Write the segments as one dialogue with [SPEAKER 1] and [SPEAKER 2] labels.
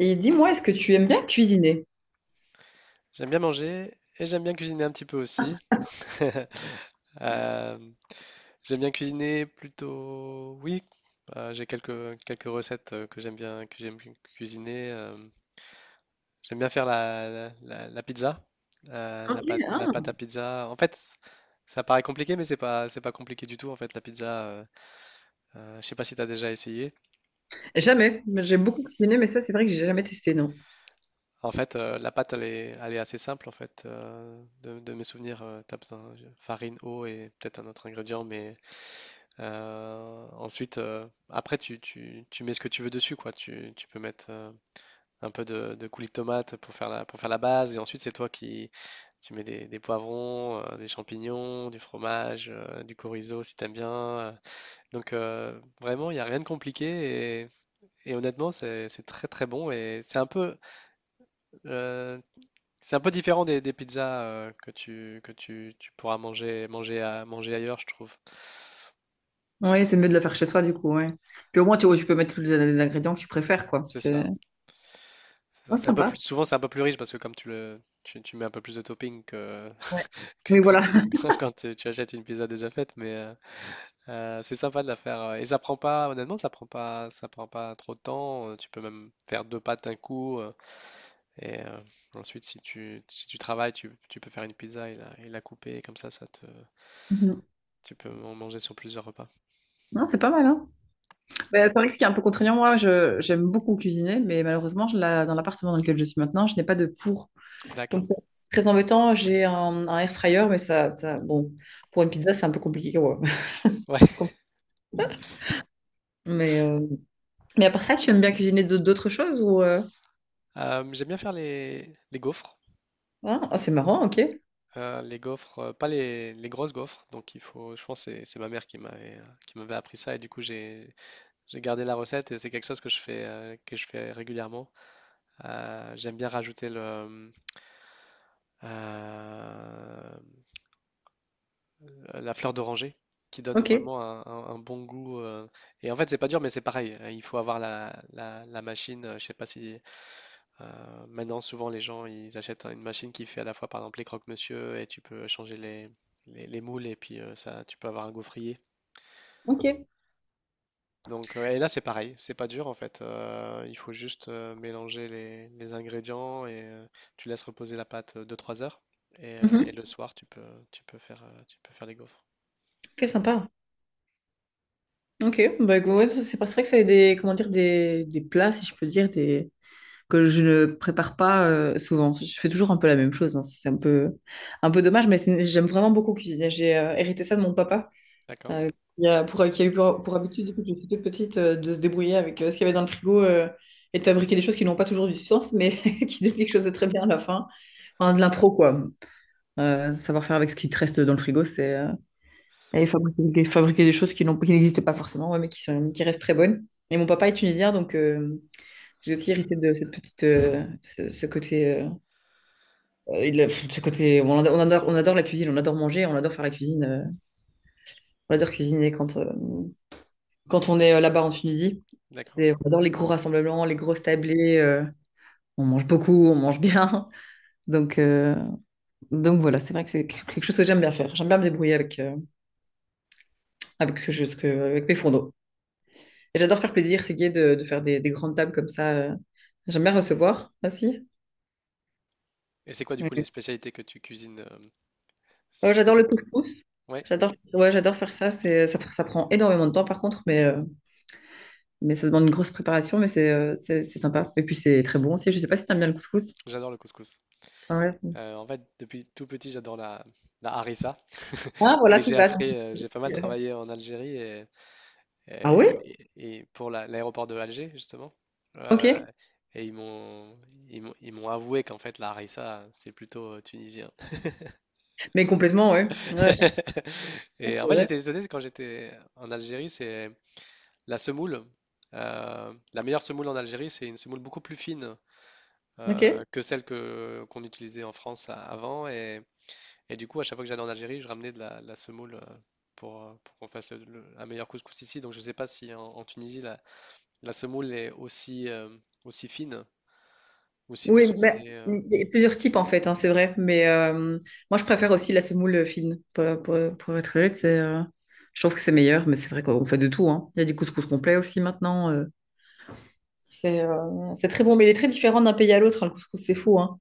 [SPEAKER 1] Et dis-moi, est-ce que tu aimes bien cuisiner?
[SPEAKER 2] J'aime bien manger et j'aime bien cuisiner un petit peu aussi. Euh, J'aime bien cuisiner plutôt, oui. J'ai quelques recettes que j'aime cuisiner. J'aime bien faire la pizza, la
[SPEAKER 1] Ok,
[SPEAKER 2] pâte, la
[SPEAKER 1] ah.
[SPEAKER 2] pâte à pizza. En fait, ça paraît compliqué, mais c'est pas compliqué du tout. En fait, la pizza, je sais pas si tu as déjà essayé.
[SPEAKER 1] Jamais. J'ai beaucoup cuisiné, mais ça, c'est vrai que j'ai jamais testé, non.
[SPEAKER 2] En fait, la pâte, elle est assez simple. En fait, de mes souvenirs, tu as besoin de farine, eau et peut-être un autre ingrédient, mais... Ensuite, après, tu mets ce que tu veux dessus, quoi. Tu peux mettre un peu de coulis de tomate pour faire pour faire la base. Et ensuite, c'est toi qui tu mets des poivrons, des champignons, du fromage, du chorizo si t'aimes bien. Donc, vraiment, il n'y a rien de compliqué. Et honnêtement, c'est très très bon. Et euh, c'est un peu différent des pizzas tu pourras manger ailleurs, je trouve.
[SPEAKER 1] Oui, c'est mieux de le faire chez soi, du coup, ouais. Puis au moins, tu peux mettre les ingrédients que tu préfères, quoi.
[SPEAKER 2] C'est
[SPEAKER 1] C'est
[SPEAKER 2] ça. C'est ça,
[SPEAKER 1] ouais,
[SPEAKER 2] c'est un peu plus,
[SPEAKER 1] sympa.
[SPEAKER 2] souvent c'est un peu plus riche parce que comme tu mets un peu plus de topping que,
[SPEAKER 1] Ouais.
[SPEAKER 2] que
[SPEAKER 1] Oui,
[SPEAKER 2] quand
[SPEAKER 1] voilà.
[SPEAKER 2] tu, quand tu achètes une pizza déjà faite, mais c'est sympa de la faire. Et ça prend pas, honnêtement, ça prend pas trop de temps. Tu peux même faire deux pâtes d'un coup. Et ensuite, si tu travailles, tu peux faire une pizza et et la couper. Et comme ça,
[SPEAKER 1] Mhm.
[SPEAKER 2] tu peux en manger sur plusieurs repas.
[SPEAKER 1] Non, c'est pas mal, hein. Mais c'est vrai que ce qui est un peu contraignant, moi, j'aime beaucoup cuisiner, mais malheureusement, dans l'appartement dans lequel je suis maintenant, je n'ai pas de four.
[SPEAKER 2] D'accord.
[SPEAKER 1] Donc, c'est très embêtant, j'ai un air fryer, mais bon, pour une pizza, c'est un peu compliqué, quoi.
[SPEAKER 2] Ouais.
[SPEAKER 1] Compliqué. Mais, euh, mais à part ça, tu aimes bien cuisiner d'autres choses ou...
[SPEAKER 2] J'aime bien faire les gaufres.
[SPEAKER 1] Ah, ah, c'est marrant, ok.
[SPEAKER 2] Les gaufres, pas les grosses gaufres, donc je pense que c'est ma mère qui m'avait appris ça et du coup j'ai gardé la recette et c'est quelque chose que je fais régulièrement. J'aime bien rajouter le euh, la fleur d'oranger qui donne
[SPEAKER 1] Ok.
[SPEAKER 2] vraiment un bon goût et en fait c'est pas dur mais c'est pareil, il faut avoir la machine, je sais pas si... Maintenant, souvent, les gens, ils achètent une machine qui fait à la fois, par exemple, les croque-monsieur et tu peux changer les moules et puis ça, tu peux avoir un gaufrier.
[SPEAKER 1] Ok.
[SPEAKER 2] Donc, et là, c'est pareil, c'est pas dur en fait. Il faut juste mélanger les ingrédients et tu laisses reposer la pâte deux-trois heures. Et
[SPEAKER 1] Mhm.
[SPEAKER 2] le soir, tu peux faire les gaufres.
[SPEAKER 1] Ok, sympa. Ok, ouais, ça, c'est pas vrai que ça a des, comment dire, des plats, si je peux dire, des, que je ne prépare pas souvent. Je fais toujours un peu la même chose, hein. Ça, c'est un peu dommage, mais j'aime vraiment beaucoup cuisiner. J'ai hérité ça de mon papa,
[SPEAKER 2] D'accord,
[SPEAKER 1] euh, qui a eu pour habitude, depuis que je suis toute petite, de se débrouiller avec ce qu'il y avait dans le frigo et de fabriquer des choses qui n'ont pas toujours du sens, mais qui donnent quelque chose de très bien à la fin. Enfin, de l'impro, quoi. Savoir faire avec ce qui te reste dans le frigo, c'est... et fabriquer, fabriquer des choses qui n'existaient pas forcément, ouais, mais qui sont, qui restent très bonnes. Et mon papa est tunisien, donc j'ai aussi hérité de cette petite, ce côté, ce côté, on adore, on adore, on adore la cuisine, on adore manger, on adore faire la cuisine, on adore cuisiner quand, quand on est là-bas en Tunisie.
[SPEAKER 2] d'accord.
[SPEAKER 1] On adore les gros rassemblements, les grosses tablées. On mange beaucoup, on mange bien. Donc, euh, donc voilà, c'est vrai que c'est quelque chose que j'aime bien faire. J'aime bien me débrouiller avec, avec, avec mes fourneaux. Et j'adore faire plaisir, c'est gai de faire des grandes tables comme ça. J'aime bien recevoir aussi.
[SPEAKER 2] Et c'est quoi du coup
[SPEAKER 1] Ouais.
[SPEAKER 2] les spécialités que tu cuisines si
[SPEAKER 1] Oh,
[SPEAKER 2] tu
[SPEAKER 1] j'adore
[SPEAKER 2] devais...
[SPEAKER 1] le couscous.
[SPEAKER 2] Ouais,
[SPEAKER 1] J'adore, ouais, j'adore faire ça. Ça prend énormément de temps par contre, mais ça demande une grosse préparation, mais c'est sympa. Et puis c'est très bon aussi. Je sais pas si t'aimes bien le couscous.
[SPEAKER 2] j'adore le couscous.
[SPEAKER 1] Ah ouais.
[SPEAKER 2] En fait, depuis tout petit, j'adore la harissa.
[SPEAKER 1] Ah voilà,
[SPEAKER 2] Et
[SPEAKER 1] c'est ça. Donc,
[SPEAKER 2] j'ai pas mal
[SPEAKER 1] euh.
[SPEAKER 2] travaillé en Algérie et,
[SPEAKER 1] Ah oui.
[SPEAKER 2] et- et- et pour l'aéroport de Alger, justement. Euh,
[SPEAKER 1] Ok.
[SPEAKER 2] et ils m'ont avoué qu'en fait, la harissa, c'est plutôt tunisien.
[SPEAKER 1] Mais complètement, ouais. Ouais, ouais,
[SPEAKER 2] Et en
[SPEAKER 1] c'est
[SPEAKER 2] fait,
[SPEAKER 1] vrai.
[SPEAKER 2] j'étais étonné quand j'étais en Algérie, c'est la semoule. La meilleure semoule en Algérie, c'est une semoule beaucoup plus fine
[SPEAKER 1] Ok.
[SPEAKER 2] que celle que qu'on utilisait en France avant. Et du coup, à chaque fois que j'allais en Algérie, je ramenais de la semoule pour qu'on fasse un meilleur couscous ici. Donc, je ne sais pas si en Tunisie, la semoule est aussi, aussi fine ou si vous
[SPEAKER 1] Oui, ben,
[SPEAKER 2] utilisez.
[SPEAKER 1] il y a plusieurs types en fait, hein, c'est vrai. Mais moi, je préfère aussi la semoule fine. Pour être honnête, c'est, je trouve que c'est meilleur, mais c'est vrai qu'on fait de tout. Hein. Il y a du couscous complet aussi maintenant. Euh. C'est très bon, mais il est très différent d'un pays à l'autre. Hein, le couscous, c'est fou. Hein.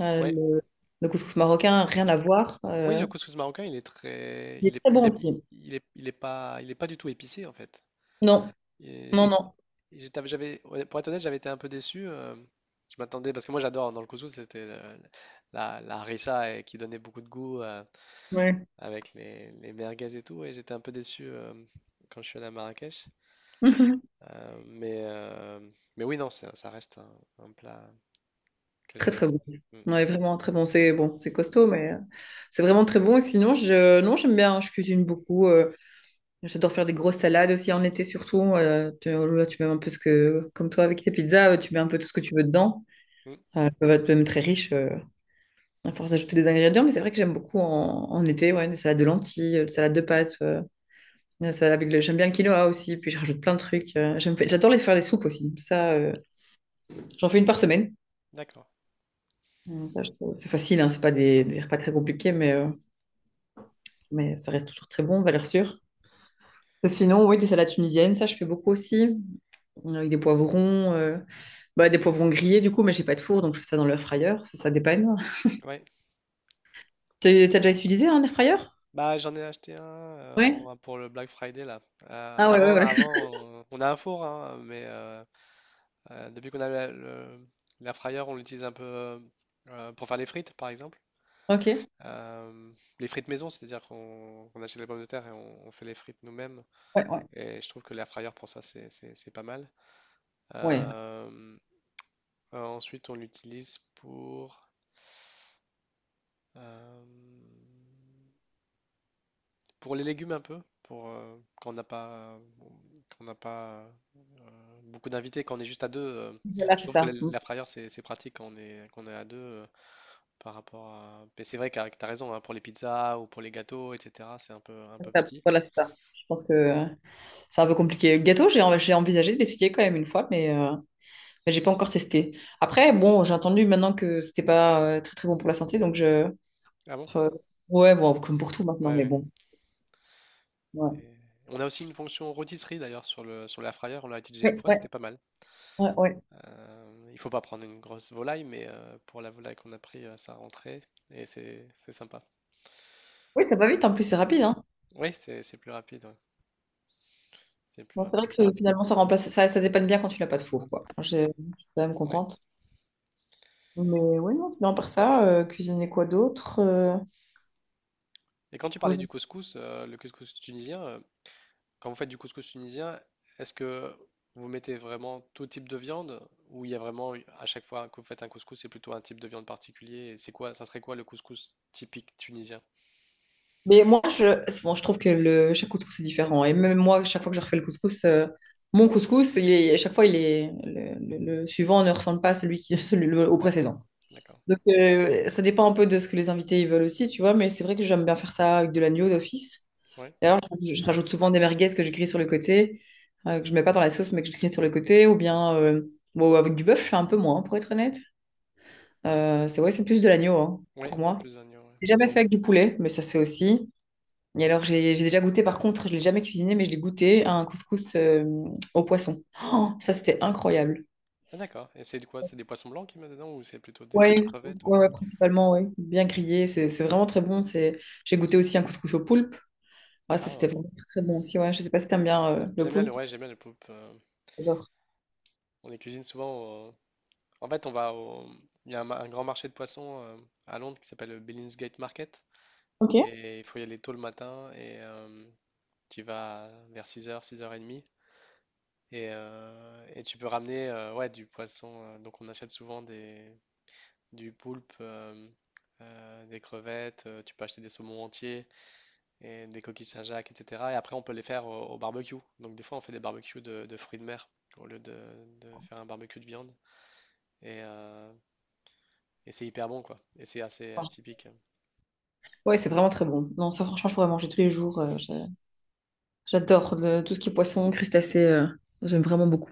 [SPEAKER 1] Euh,
[SPEAKER 2] Ouais.
[SPEAKER 1] le, le couscous marocain, rien à voir.
[SPEAKER 2] Oui,
[SPEAKER 1] Euh.
[SPEAKER 2] le couscous marocain,
[SPEAKER 1] Il est très bon aussi.
[SPEAKER 2] il est pas du tout épicé en fait.
[SPEAKER 1] Non,
[SPEAKER 2] Et je-
[SPEAKER 1] non, non.
[SPEAKER 2] J'avais, ouais, pour être honnête, j'avais été un peu déçu. Je m'attendais parce que moi, j'adore dans le couscous, c'était la harissa et qui donnait beaucoup de goût.
[SPEAKER 1] Ouais.
[SPEAKER 2] Avec les merguez et tout, et j'étais un peu déçu quand je suis allé à Marrakech.
[SPEAKER 1] Mhm.
[SPEAKER 2] Euh, mais, euh, mais oui, non, ça reste un plat que
[SPEAKER 1] Très
[SPEAKER 2] j'adore.
[SPEAKER 1] très bon.
[SPEAKER 2] Mm.
[SPEAKER 1] Ouais, vraiment très bon. C'est bon, c'est costaud, mais c'est vraiment très bon. Et sinon, je, non, j'aime bien. Je cuisine beaucoup. Euh, j'adore faire des grosses salades aussi en été surtout. Tu, là, tu mets un peu ce que, comme toi avec tes pizzas, tu mets un peu tout ce que tu veux dedans.
[SPEAKER 2] Mm.
[SPEAKER 1] Elles peuvent être même très riches à force d'ajouter des ingrédients, mais c'est vrai que j'aime beaucoup en été, ouais, des salades de lentilles, des salades de pâtes, des salades avec le, j'aime bien le quinoa aussi, puis je rajoute plein de trucs. Euh, j'adore les faire des soupes aussi. Ça, j'en fais une par semaine.
[SPEAKER 2] D'accord.
[SPEAKER 1] C'est facile, hein, c'est pas des, des repas très compliqués, mais ça reste toujours très bon, valeur sûre. Sinon, oui, des salades tunisiennes, ça je fais beaucoup aussi. Avec des poivrons, bah, des poivrons grillés du coup, mais j'ai pas de four, donc je fais ça dans l'air fryer, ça dépanne.
[SPEAKER 2] Ouais.
[SPEAKER 1] T'as déjà utilisé un air fryer?
[SPEAKER 2] Bah, j'en ai acheté un
[SPEAKER 1] Ouais.
[SPEAKER 2] pour le Black Friday là. Euh,
[SPEAKER 1] Ah ouais, ouais,
[SPEAKER 2] avant,
[SPEAKER 1] ouais.
[SPEAKER 2] avant, on a un four, hein, mais depuis qu'on a l'air fryer, on l'utilise un peu pour faire les frites, par exemple.
[SPEAKER 1] Ok.
[SPEAKER 2] Euh, les frites maison, c'est-à-dire qu'on achète les pommes de terre et on fait les frites nous-mêmes.
[SPEAKER 1] Ouais, ouais.
[SPEAKER 2] Et je trouve que l'air fryer pour ça, c'est pas mal.
[SPEAKER 1] Ouais.
[SPEAKER 2] Euh, Ensuite, on l'utilise euh, pour les légumes un peu, quand on n'a pas beaucoup d'invités, quand on est juste à deux.
[SPEAKER 1] Voilà,
[SPEAKER 2] Je
[SPEAKER 1] c'est
[SPEAKER 2] trouve que
[SPEAKER 1] ça.
[SPEAKER 2] la
[SPEAKER 1] Mm.
[SPEAKER 2] l'air fryer, c'est pratique quand on est à deux par rapport à. Mais c'est vrai que tu as raison, hein, pour les pizzas ou pour les gâteaux, etc., c'est un peu petit.
[SPEAKER 1] Voilà, c'est ça. Je pense que c'est un peu compliqué. Le gâteau, j'ai envisagé de l'essayer quand même une fois, mais j'ai pas encore testé. Après, bon, j'ai entendu maintenant que c'était pas très très bon pour la santé, donc je.
[SPEAKER 2] Ah bon?
[SPEAKER 1] Euh, ouais, bon, comme pour tout maintenant,
[SPEAKER 2] Ouais,
[SPEAKER 1] mais
[SPEAKER 2] ouais.
[SPEAKER 1] bon. Ouais,
[SPEAKER 2] Et on a aussi une fonction rôtisserie d'ailleurs sur sur l'air fryer, on l'a utilisé une
[SPEAKER 1] ouais,
[SPEAKER 2] fois,
[SPEAKER 1] ouais,
[SPEAKER 2] c'était pas mal.
[SPEAKER 1] ouais. Ouais.
[SPEAKER 2] Il faut pas prendre une grosse volaille, mais pour la volaille qu'on a pris, ça rentrait et c'est sympa.
[SPEAKER 1] Oui, ça va vite, en plus, c'est rapide, hein.
[SPEAKER 2] Oui, c'est plus rapide. Ouais. C'est plus
[SPEAKER 1] Bon, c'est vrai
[SPEAKER 2] rapide.
[SPEAKER 1] que finalement, ça remplace, ça dépanne bien quand tu n'as pas de four, quoi. Je suis quand même
[SPEAKER 2] Ouais.
[SPEAKER 1] contente. Mais ouais, non, sinon, par ça, cuisiner quoi d'autre? Euh,
[SPEAKER 2] Et quand tu
[SPEAKER 1] faut
[SPEAKER 2] parlais
[SPEAKER 1] que je-
[SPEAKER 2] du couscous, le couscous tunisien, quand vous faites du couscous tunisien, est-ce que vous mettez vraiment tout type de viande ou il y a vraiment à chaque fois que vous faites un couscous, c'est plutôt un type de viande particulier? Et ça serait quoi le couscous typique tunisien?
[SPEAKER 1] Mais moi, je, c'est bon, je trouve que le, chaque couscous est différent. Et même moi, chaque fois que je refais le couscous, mon couscous, à chaque fois, il est, le suivant ne ressemble pas à celui qui, celui, au
[SPEAKER 2] D'accord,
[SPEAKER 1] précédent.
[SPEAKER 2] d'accord.
[SPEAKER 1] Donc, ça dépend un peu de ce que les invités ils veulent aussi, tu vois. Mais c'est vrai que j'aime bien faire ça avec de l'agneau d'office.
[SPEAKER 2] Ouais,
[SPEAKER 1] D'ailleurs, je rajoute souvent des merguez que je grille sur le côté, que je mets pas dans la sauce, mais que je grille sur le côté, ou bien bon, avec du bœuf, je fais un peu moins, pour être honnête. C'est vrai, c'est plus de l'agneau, hein, pour
[SPEAKER 2] ouais,
[SPEAKER 1] moi.
[SPEAKER 2] plus d'oignons. Ouais.
[SPEAKER 1] J'ai jamais fait avec du poulet, mais ça se fait aussi. Et alors, j'ai déjà goûté, par contre, je l'ai jamais cuisiné, mais je l'ai goûté à un couscous au poisson. Oh, ça, c'était incroyable.
[SPEAKER 2] Ah, d'accord. Et c'est de quoi? C'est des poissons blancs qui mettent dedans ou c'est plutôt des
[SPEAKER 1] Ouais,
[SPEAKER 2] crevettes
[SPEAKER 1] ouais, ouais, principalement, ouais. Bien grillé, c'est vraiment très bon. C'est... J'ai goûté aussi un couscous au poulpe. Ah, ça,
[SPEAKER 2] Ah,
[SPEAKER 1] c'était
[SPEAKER 2] oh.
[SPEAKER 1] vraiment très, très bon aussi, ouais. Je sais pas si t'aimes bien le poulpe.
[SPEAKER 2] Ouais, j'aime bien les poulpes.
[SPEAKER 1] J'adore.
[SPEAKER 2] On les cuisine souvent. En fait, on va au... Il y a un grand marché de poissons à Londres qui s'appelle le Billingsgate Market.
[SPEAKER 1] Ok.
[SPEAKER 2] Et il faut y aller tôt le matin et tu y vas vers six heures 30 et demie. Et tu peux ramener ouais, du poisson. Donc on achète souvent du poulpe, des crevettes, tu peux acheter des saumons entiers, et des coquilles Saint-Jacques, etc. Et après on peut les faire au barbecue. Donc des fois on fait des barbecues de fruits de mer au lieu de faire un barbecue de viande. Et, euh, et c'est hyper bon, quoi. Et c'est assez atypique.
[SPEAKER 1] Ouais, c'est vraiment très bon. Non, ça, franchement, je pourrais manger tous les jours. Euh, j'adore tout ce qui est poisson, crustacés. Euh, j'aime vraiment beaucoup.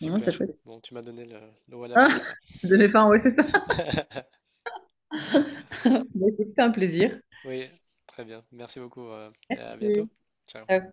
[SPEAKER 1] Ouais, c'est chouette.
[SPEAKER 2] Bon, tu m'as donné l'eau à la
[SPEAKER 1] Ah,
[SPEAKER 2] bouche, là.
[SPEAKER 1] je devais pas, ouais, c'est ça. Bah, écoute, c'était un plaisir.
[SPEAKER 2] Oui, très bien. Merci beaucoup. Et à bientôt.
[SPEAKER 1] Merci.
[SPEAKER 2] Ciao.
[SPEAKER 1] Ciao.